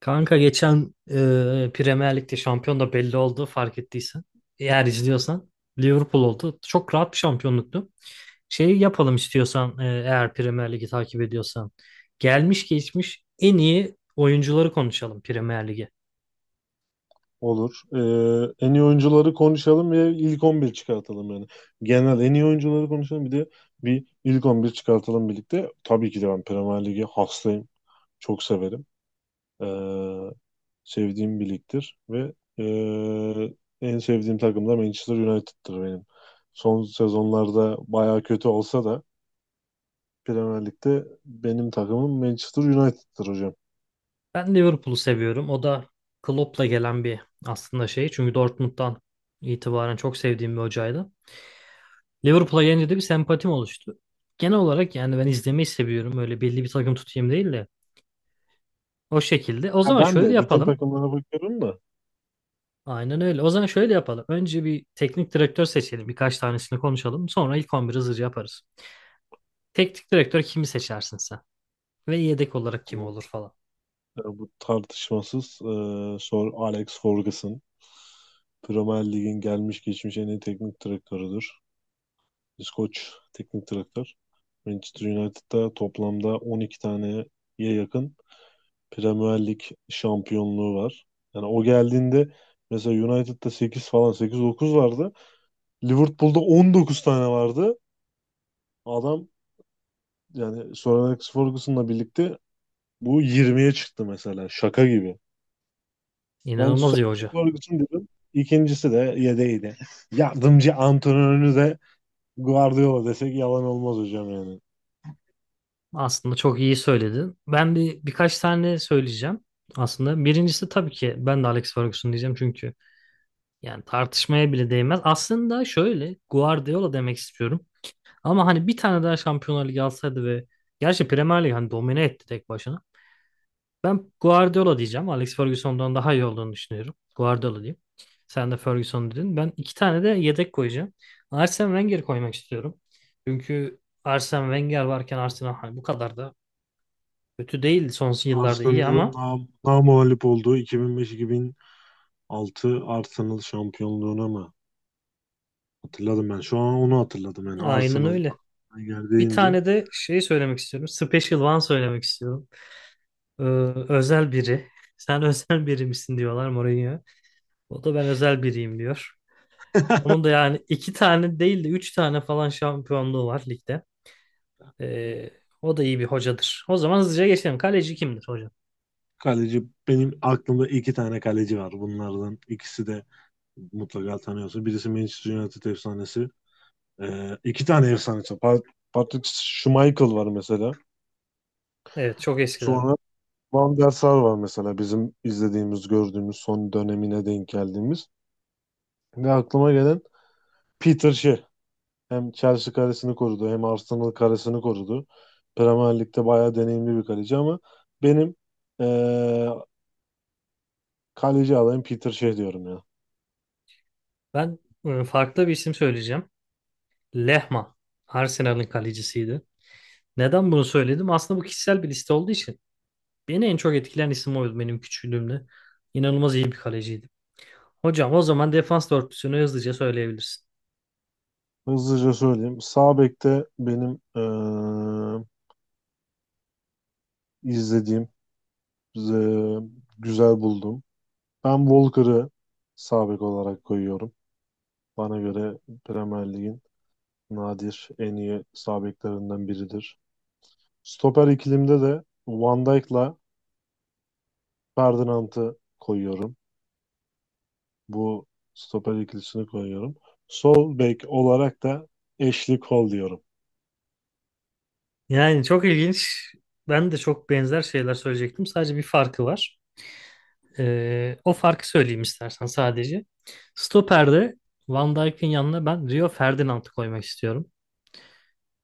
Kanka geçen Premier Lig'de şampiyon da belli oldu fark ettiysen. Eğer izliyorsan Liverpool oldu. Çok rahat bir şampiyonluktu. Şey yapalım istiyorsan eğer Premier Lig'i takip ediyorsan. Gelmiş geçmiş en iyi oyuncuları konuşalım Premier Lig'e. Olur. En iyi oyuncuları konuşalım ve ilk 11 çıkartalım yani. Genel en iyi oyuncuları konuşalım bir de bir ilk 11 çıkartalım birlikte. Tabii ki de ben Premier Lig'e hastayım. Çok severim. Ee, sevdiğim bir ligdir ve ee, en sevdiğim takım da Manchester United'tır benim. Son sezonlarda baya kötü olsa da Premier Lig'de benim takımım Manchester United'tır hocam. Ben Liverpool'u seviyorum. O da Klopp'la gelen bir aslında şey. Çünkü Dortmund'dan itibaren çok sevdiğim bir hocaydı. Liverpool'a gelince de bir sempatim oluştu. Genel olarak yani ben izlemeyi seviyorum. Öyle belli bir takım tutayım değil de. O şekilde. O Ya zaman ben şöyle de bütün yapalım. takımlara bakıyorum da Aynen öyle. O zaman şöyle yapalım. Önce bir teknik direktör seçelim. Birkaç tanesini konuşalım. Sonra ilk 11'i hızlıca yaparız. Teknik direktör kimi seçersin sen? Ve yedek olarak kim bu olur falan. bu tartışmasız Sor Alex Ferguson. Premier Lig'in gelmiş geçmiş en iyi teknik direktörüdür. İskoç teknik direktör. Manchester United'da toplamda 12 taneye yakın Premier Lig şampiyonluğu var. Yani o geldiğinde mesela United'da 8 falan 8-9 vardı. Liverpool'da 19 tane vardı. Adam yani Sir Alex Ferguson'la birlikte bu 20'ye çıktı mesela. Şaka gibi. Ben İnanılmaz iyi Sony hoca. Ferguson dedim. İkincisi de yedeğiydi. Yardımcı antrenörü de Guardiola desek yalan olmaz hocam yani. Aslında çok iyi söyledin. Ben bir birkaç tane söyleyeceğim. Aslında birincisi tabii ki ben de Alex Ferguson diyeceğim çünkü yani tartışmaya bile değmez. Aslında şöyle Guardiola demek istiyorum. Ama hani bir tane daha Şampiyonlar Ligi alsaydı ve gerçi Premier Lig hani domine etti tek başına. Ben Guardiola diyeceğim. Alex Ferguson'dan daha iyi olduğunu düşünüyorum. Guardiola diyeyim. Sen de Ferguson dedin. Ben iki tane de yedek koyacağım. Arsene Wenger koymak istiyorum. Çünkü Arsene Wenger varken Arsenal hani bu kadar da kötü değil. Son yıllarda iyi Arsenal'ın ama namağlup olduğu 2005-2006 Arsenal şampiyonluğuna mı? Hatırladım ben. Şu an onu hatırladım yani. aynen Arsenal öyle. aklıma geldi Bir deyince. tane de şey söylemek istiyorum. Special One söylemek istiyorum. Ee, Özel biri. Sen özel biri misin diyorlar Mourinho. O da ben özel biriyim diyor. Onun da yani iki tane değil de üç tane falan şampiyonluğu var ligde. Ee, O da iyi bir hocadır. O zaman hızlıca geçelim. Kaleci kimdir hocam? Kaleci benim aklımda iki tane kaleci var. Bunlardan ikisi de mutlaka tanıyorsun. Birisi Manchester United efsanesi. İki tane efsanesi. Patrick Schmeichel var mesela. Evet çok eskilerden. Sonra Van der Sar var mesela bizim izlediğimiz, gördüğümüz son dönemine denk geldiğimiz. Ve aklıma gelen Peter Shea. Hem Chelsea karesini korudu hem Arsenal karesini korudu. Premier Lig'de bayağı deneyimli bir kaleci ama benim eee, kaleci adayım Peter Shea diyorum ya. Ben farklı bir isim söyleyeceğim. Lehmann. Arsenal'ın kalecisiydi. Neden bunu söyledim? Aslında bu kişisel bir liste olduğu için. Beni en çok etkilen isim oydu benim küçüklüğümde. İnanılmaz iyi bir kaleciydi. Hocam o zaman defans dörtlüsünü hızlıca söyleyebilirsin. Hızlıca söyleyeyim. Sağ bekte benim izlediğim, eee, güzel buldum. Ben Walker'ı sağ bek olarak koyuyorum. Bana göre Premier Lig'in nadir en iyi sağ beklerinden biridir. Stoper ikilimde de Van Dijk'la Ferdinand'ı koyuyorum. Bu stoper ikilisini koyuyorum. Sol bek olarak da Ashley Cole diyorum. Yani çok ilginç. Ben de çok benzer şeyler söyleyecektim. Sadece bir farkı var. O farkı söyleyeyim istersen sadece. Stoper'de Van Dijk'in yanına ben Rio Ferdinand'ı koymak istiyorum.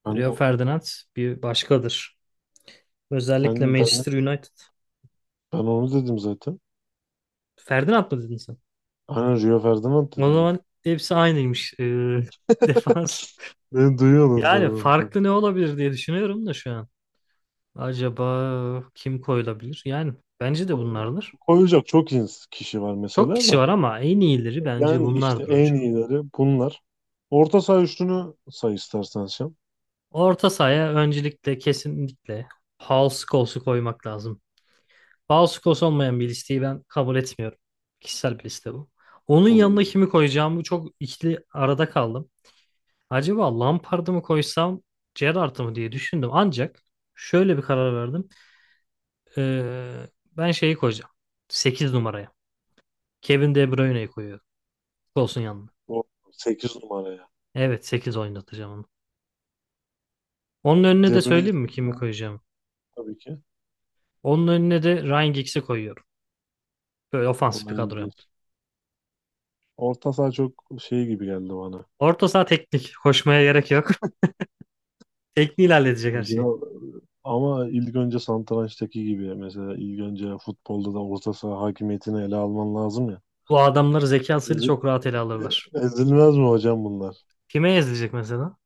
Ben Rio o- Ferdinand bir başkadır. Özellikle sen ben Manchester United. ben onu dedim zaten. Ferdinand mı dedin sen? Aynen Rio Ferdinand O dedim ben. zaman hepsi aynıymış. Defans. Beni duyuyordunuz da Yani ben- farklı ne olabilir diye düşünüyorum da şu an. Acaba kim koyulabilir? Yani bence de Ko- bunlardır. Koyacak çok kişi var Çok mesela kişi da. var ama en iyileri bence Yani işte bunlardır en hocam. iyileri bunlar. Orta saha üçlünü say istersen sen. Orta sahaya öncelikle kesinlikle Paul Scholes'u koymak lazım. House Kos olmayan bir listeyi ben kabul etmiyorum. Kişisel bir liste bu. Onun yanına Oy. kimi koyacağımı çok ikili arada kaldım. Acaba Lampard'ı mı koysam Gerrard'ı mı diye düşündüm. Ancak şöyle bir karar verdim. Ee, Ben şeyi koyacağım. Sekiz numaraya. Kevin De Bruyne'yi koyuyorum. Olsun yanına. O 8 numara ya. Evet 8 oynatacağım onu. Onun önüne De de Bruyne'yi söyleyeyim mi kimi seviyorum koyacağım? tabii ki. Onun önüne de Ryan Giggs'i koyuyorum. Böyle ofansif bir Ondan kadro yaptım. ilginç. Orta saha çok şey gibi geldi bana. Orta saha teknik. Koşmaya gerek yok. Tekniğiyle halledecek her Yani şeyi. biraz, ama ilk önce satrançtaki gibi mesela ilk önce futbolda da orta saha hakimiyetini ele alman lazım ya. Bu adamları zekasıyla Ezil- çok rahat ele alırlar. ezilmez mi hocam bunlar? Kime ezilecek mesela?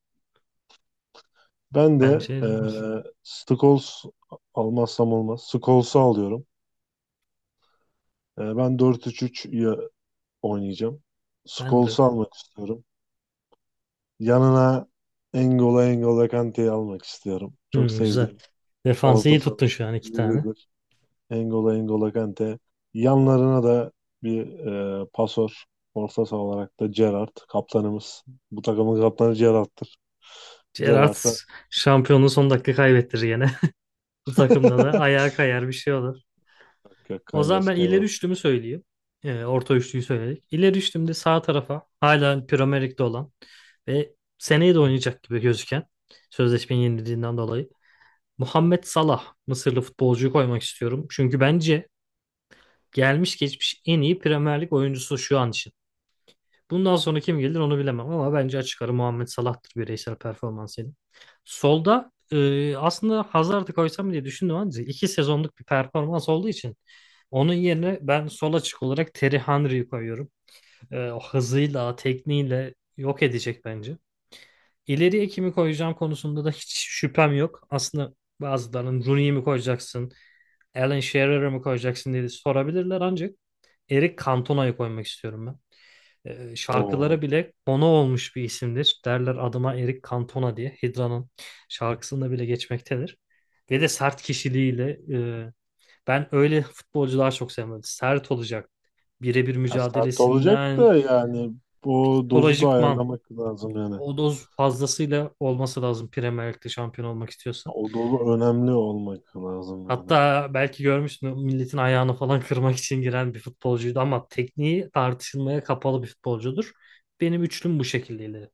Ben de Bence ezilmez. Scholes almazsam olmaz. Scholes'u alıyorum. Ben dört üç 3 oynayacağım. Ben de Scholes'u öyle. almak istiyorum. Yanına N'Golo Kante'yi almak istiyorum. Çok Hmm, güzel. sevdiğim Defansı orta iyi saha tuttun şu an iki tane. biridir. Engola Kante. Yanlarına da bir pasör. Orta saha olarak da Gerrard kaptanımız. Bu takımın kaptanı Gerrard'tır. Gerrard Gerrard'a şampiyonluğu son dakika kaybettirir yine. Bu takımda da ayağa kayar bir şey olur. Yok, yok, O zaman kaymaz ben ileri kaymaz. üçlümü söyleyeyim. Orta üçlüyü söyledik. İleri üçlümde sağ tarafa hala Premier Lig'de olan ve seneye de oynayacak gibi gözüken sözleşmenin yenildiğinden dolayı Muhammed Salah Mısırlı futbolcuyu koymak istiyorum. Çünkü bence gelmiş geçmiş en iyi Premier Lig oyuncusu şu an için. Bundan sonra kim gelir onu bilemem ama bence açık ara Muhammed Salah'tır bireysel performansıyla. Solda aslında Hazard'ı koysam diye düşündüm ama iki sezonluk bir performans olduğu için onun yerine ben sol açık olarak Terry Henry'yi koyuyorum. O hızıyla, tekniğiyle yok edecek bence. İleriye kimi koyacağım konusunda da hiç şüphem yok. Aslında bazılarının Rooney'i mi koyacaksın? Alan Shearer'ı mı koyacaksın diye sorabilirler ancak Eric Cantona'yı koymak istiyorum ben. O Şarkılara bile konu olmuş bir isimdir. Derler adıma Eric Cantona diye. Hydra'nın şarkısında bile geçmektedir. Ve de sert kişiliğiyle e, ben öyle futbolcular çok sevmedim. Sert olacak. Birebir ya sert olacak mücadelesinden da yani bu dozu da psikolojikman ayarlamak lazım yani. o doz fazlasıyla olması lazım Premier Lig'de şampiyon olmak istiyorsa. O dozu önemli olmak lazım yani. Hatta belki görmüşsün milletin ayağını falan kırmak için giren bir futbolcuydu ama tekniği tartışılmaya kapalı bir futbolcudur. Benim üçlüm bu şekildeydi.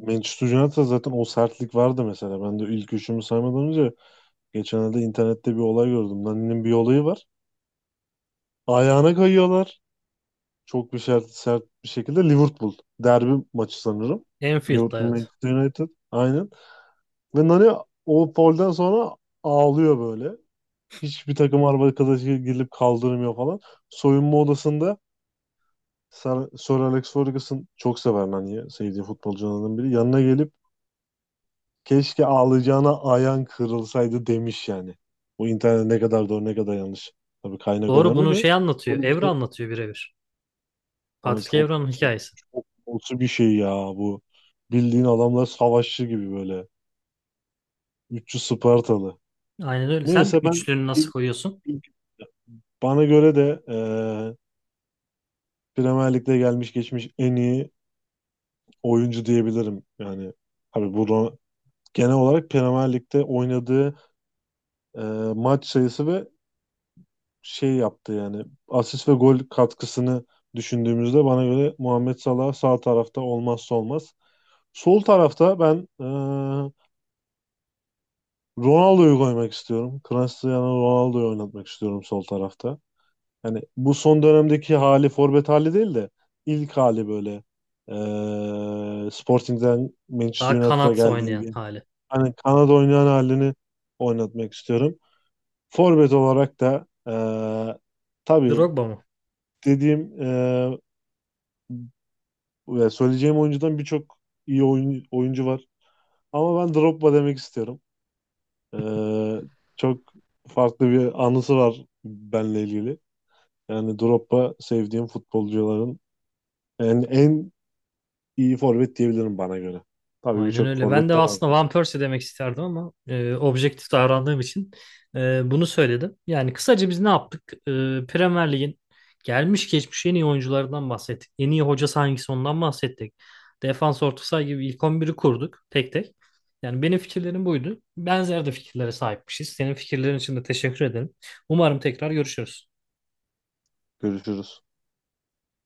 Manchester United'da zaten o sertlik vardı mesela. Ben de ilk üçümü saymadan önce geçenlerde internette bir olay gördüm. Nani'nin bir olayı var. Ayağına kayıyorlar. Çok bir sert, sert bir şekilde Liverpool derbi maçı sanırım. Enfield'da Liverpool evet. Manchester United. Aynen. Ve Nani o polden sonra ağlıyor böyle. Hiçbir takım arkadaşı gelip kaldırmıyor falan. Soyunma odasında Sir, Sir Alex Ferguson çok sever Nani'yi. Sevdiği futbolcularından biri. Yanına gelip keşke ağlayacağına ayağın kırılsaydı demiş yani. Bu internet ne kadar doğru ne kadar yanlış. Tabii kaynak Doğru önemli bunu de. şey anlatıyor. Böyle bir Evra şey. anlatıyor birebir. Hani Patrick çok Evra'nın çok hikayesi. çok olası bir şey ya bu. Bildiğin adamlar savaşçı gibi böyle. Üççü Spartalı. Aynen öyle. Sen Neyse ben üçlünü nasıl ilk- koyuyorsun? ilk- bana göre de Premier Lig'de gelmiş geçmiş en iyi oyuncu diyebilirim. Yani tabii burada genel olarak Premier Lig'de oynadığı eee, maç sayısı ve şey yaptı yani asist ve gol katkısını düşündüğümüzde bana göre Muhammed Salah sağ tarafta olmazsa olmaz. Sol tarafta ben Ronaldo'yu koymak istiyorum. Cristiano Ronaldo'yu oynatmak istiyorum sol tarafta. Yani bu son dönemdeki hali forvet hali değil de ilk hali böyle Sporting'den Manchester Daha United'a kanat geldiği oynayan gün. hali. Hani Kanada oynayan halini oynatmak istiyorum. Forvet olarak da tabii Drogba mı? dediğim ve söyleyeceğim oyuncudan birçok iyi oyuncu var. Ama ben Drogba demek istiyorum. Eee, çok farklı bir anısı var benle ilgili. Yani Drogba sevdiğim futbolcuların en iyi forvet diyebilirim bana göre. Tabii Aynen birçok öyle. Ben forvet de de aslında vardı. Van Persie demek isterdim ama objektif davrandığım için bunu söyledim. Yani kısaca biz ne yaptık? Premier Lig'in gelmiş geçmiş en iyi oyuncularından bahsettik. En iyi hocası hangisi ondan bahsettik. Defans orta saha gibi ilk 11'i kurduk tek tek. Yani benim fikirlerim buydu. Benzer de fikirlere sahipmişiz. Senin fikirlerin için de teşekkür ederim. Umarım tekrar görüşürüz. Görüşürüz.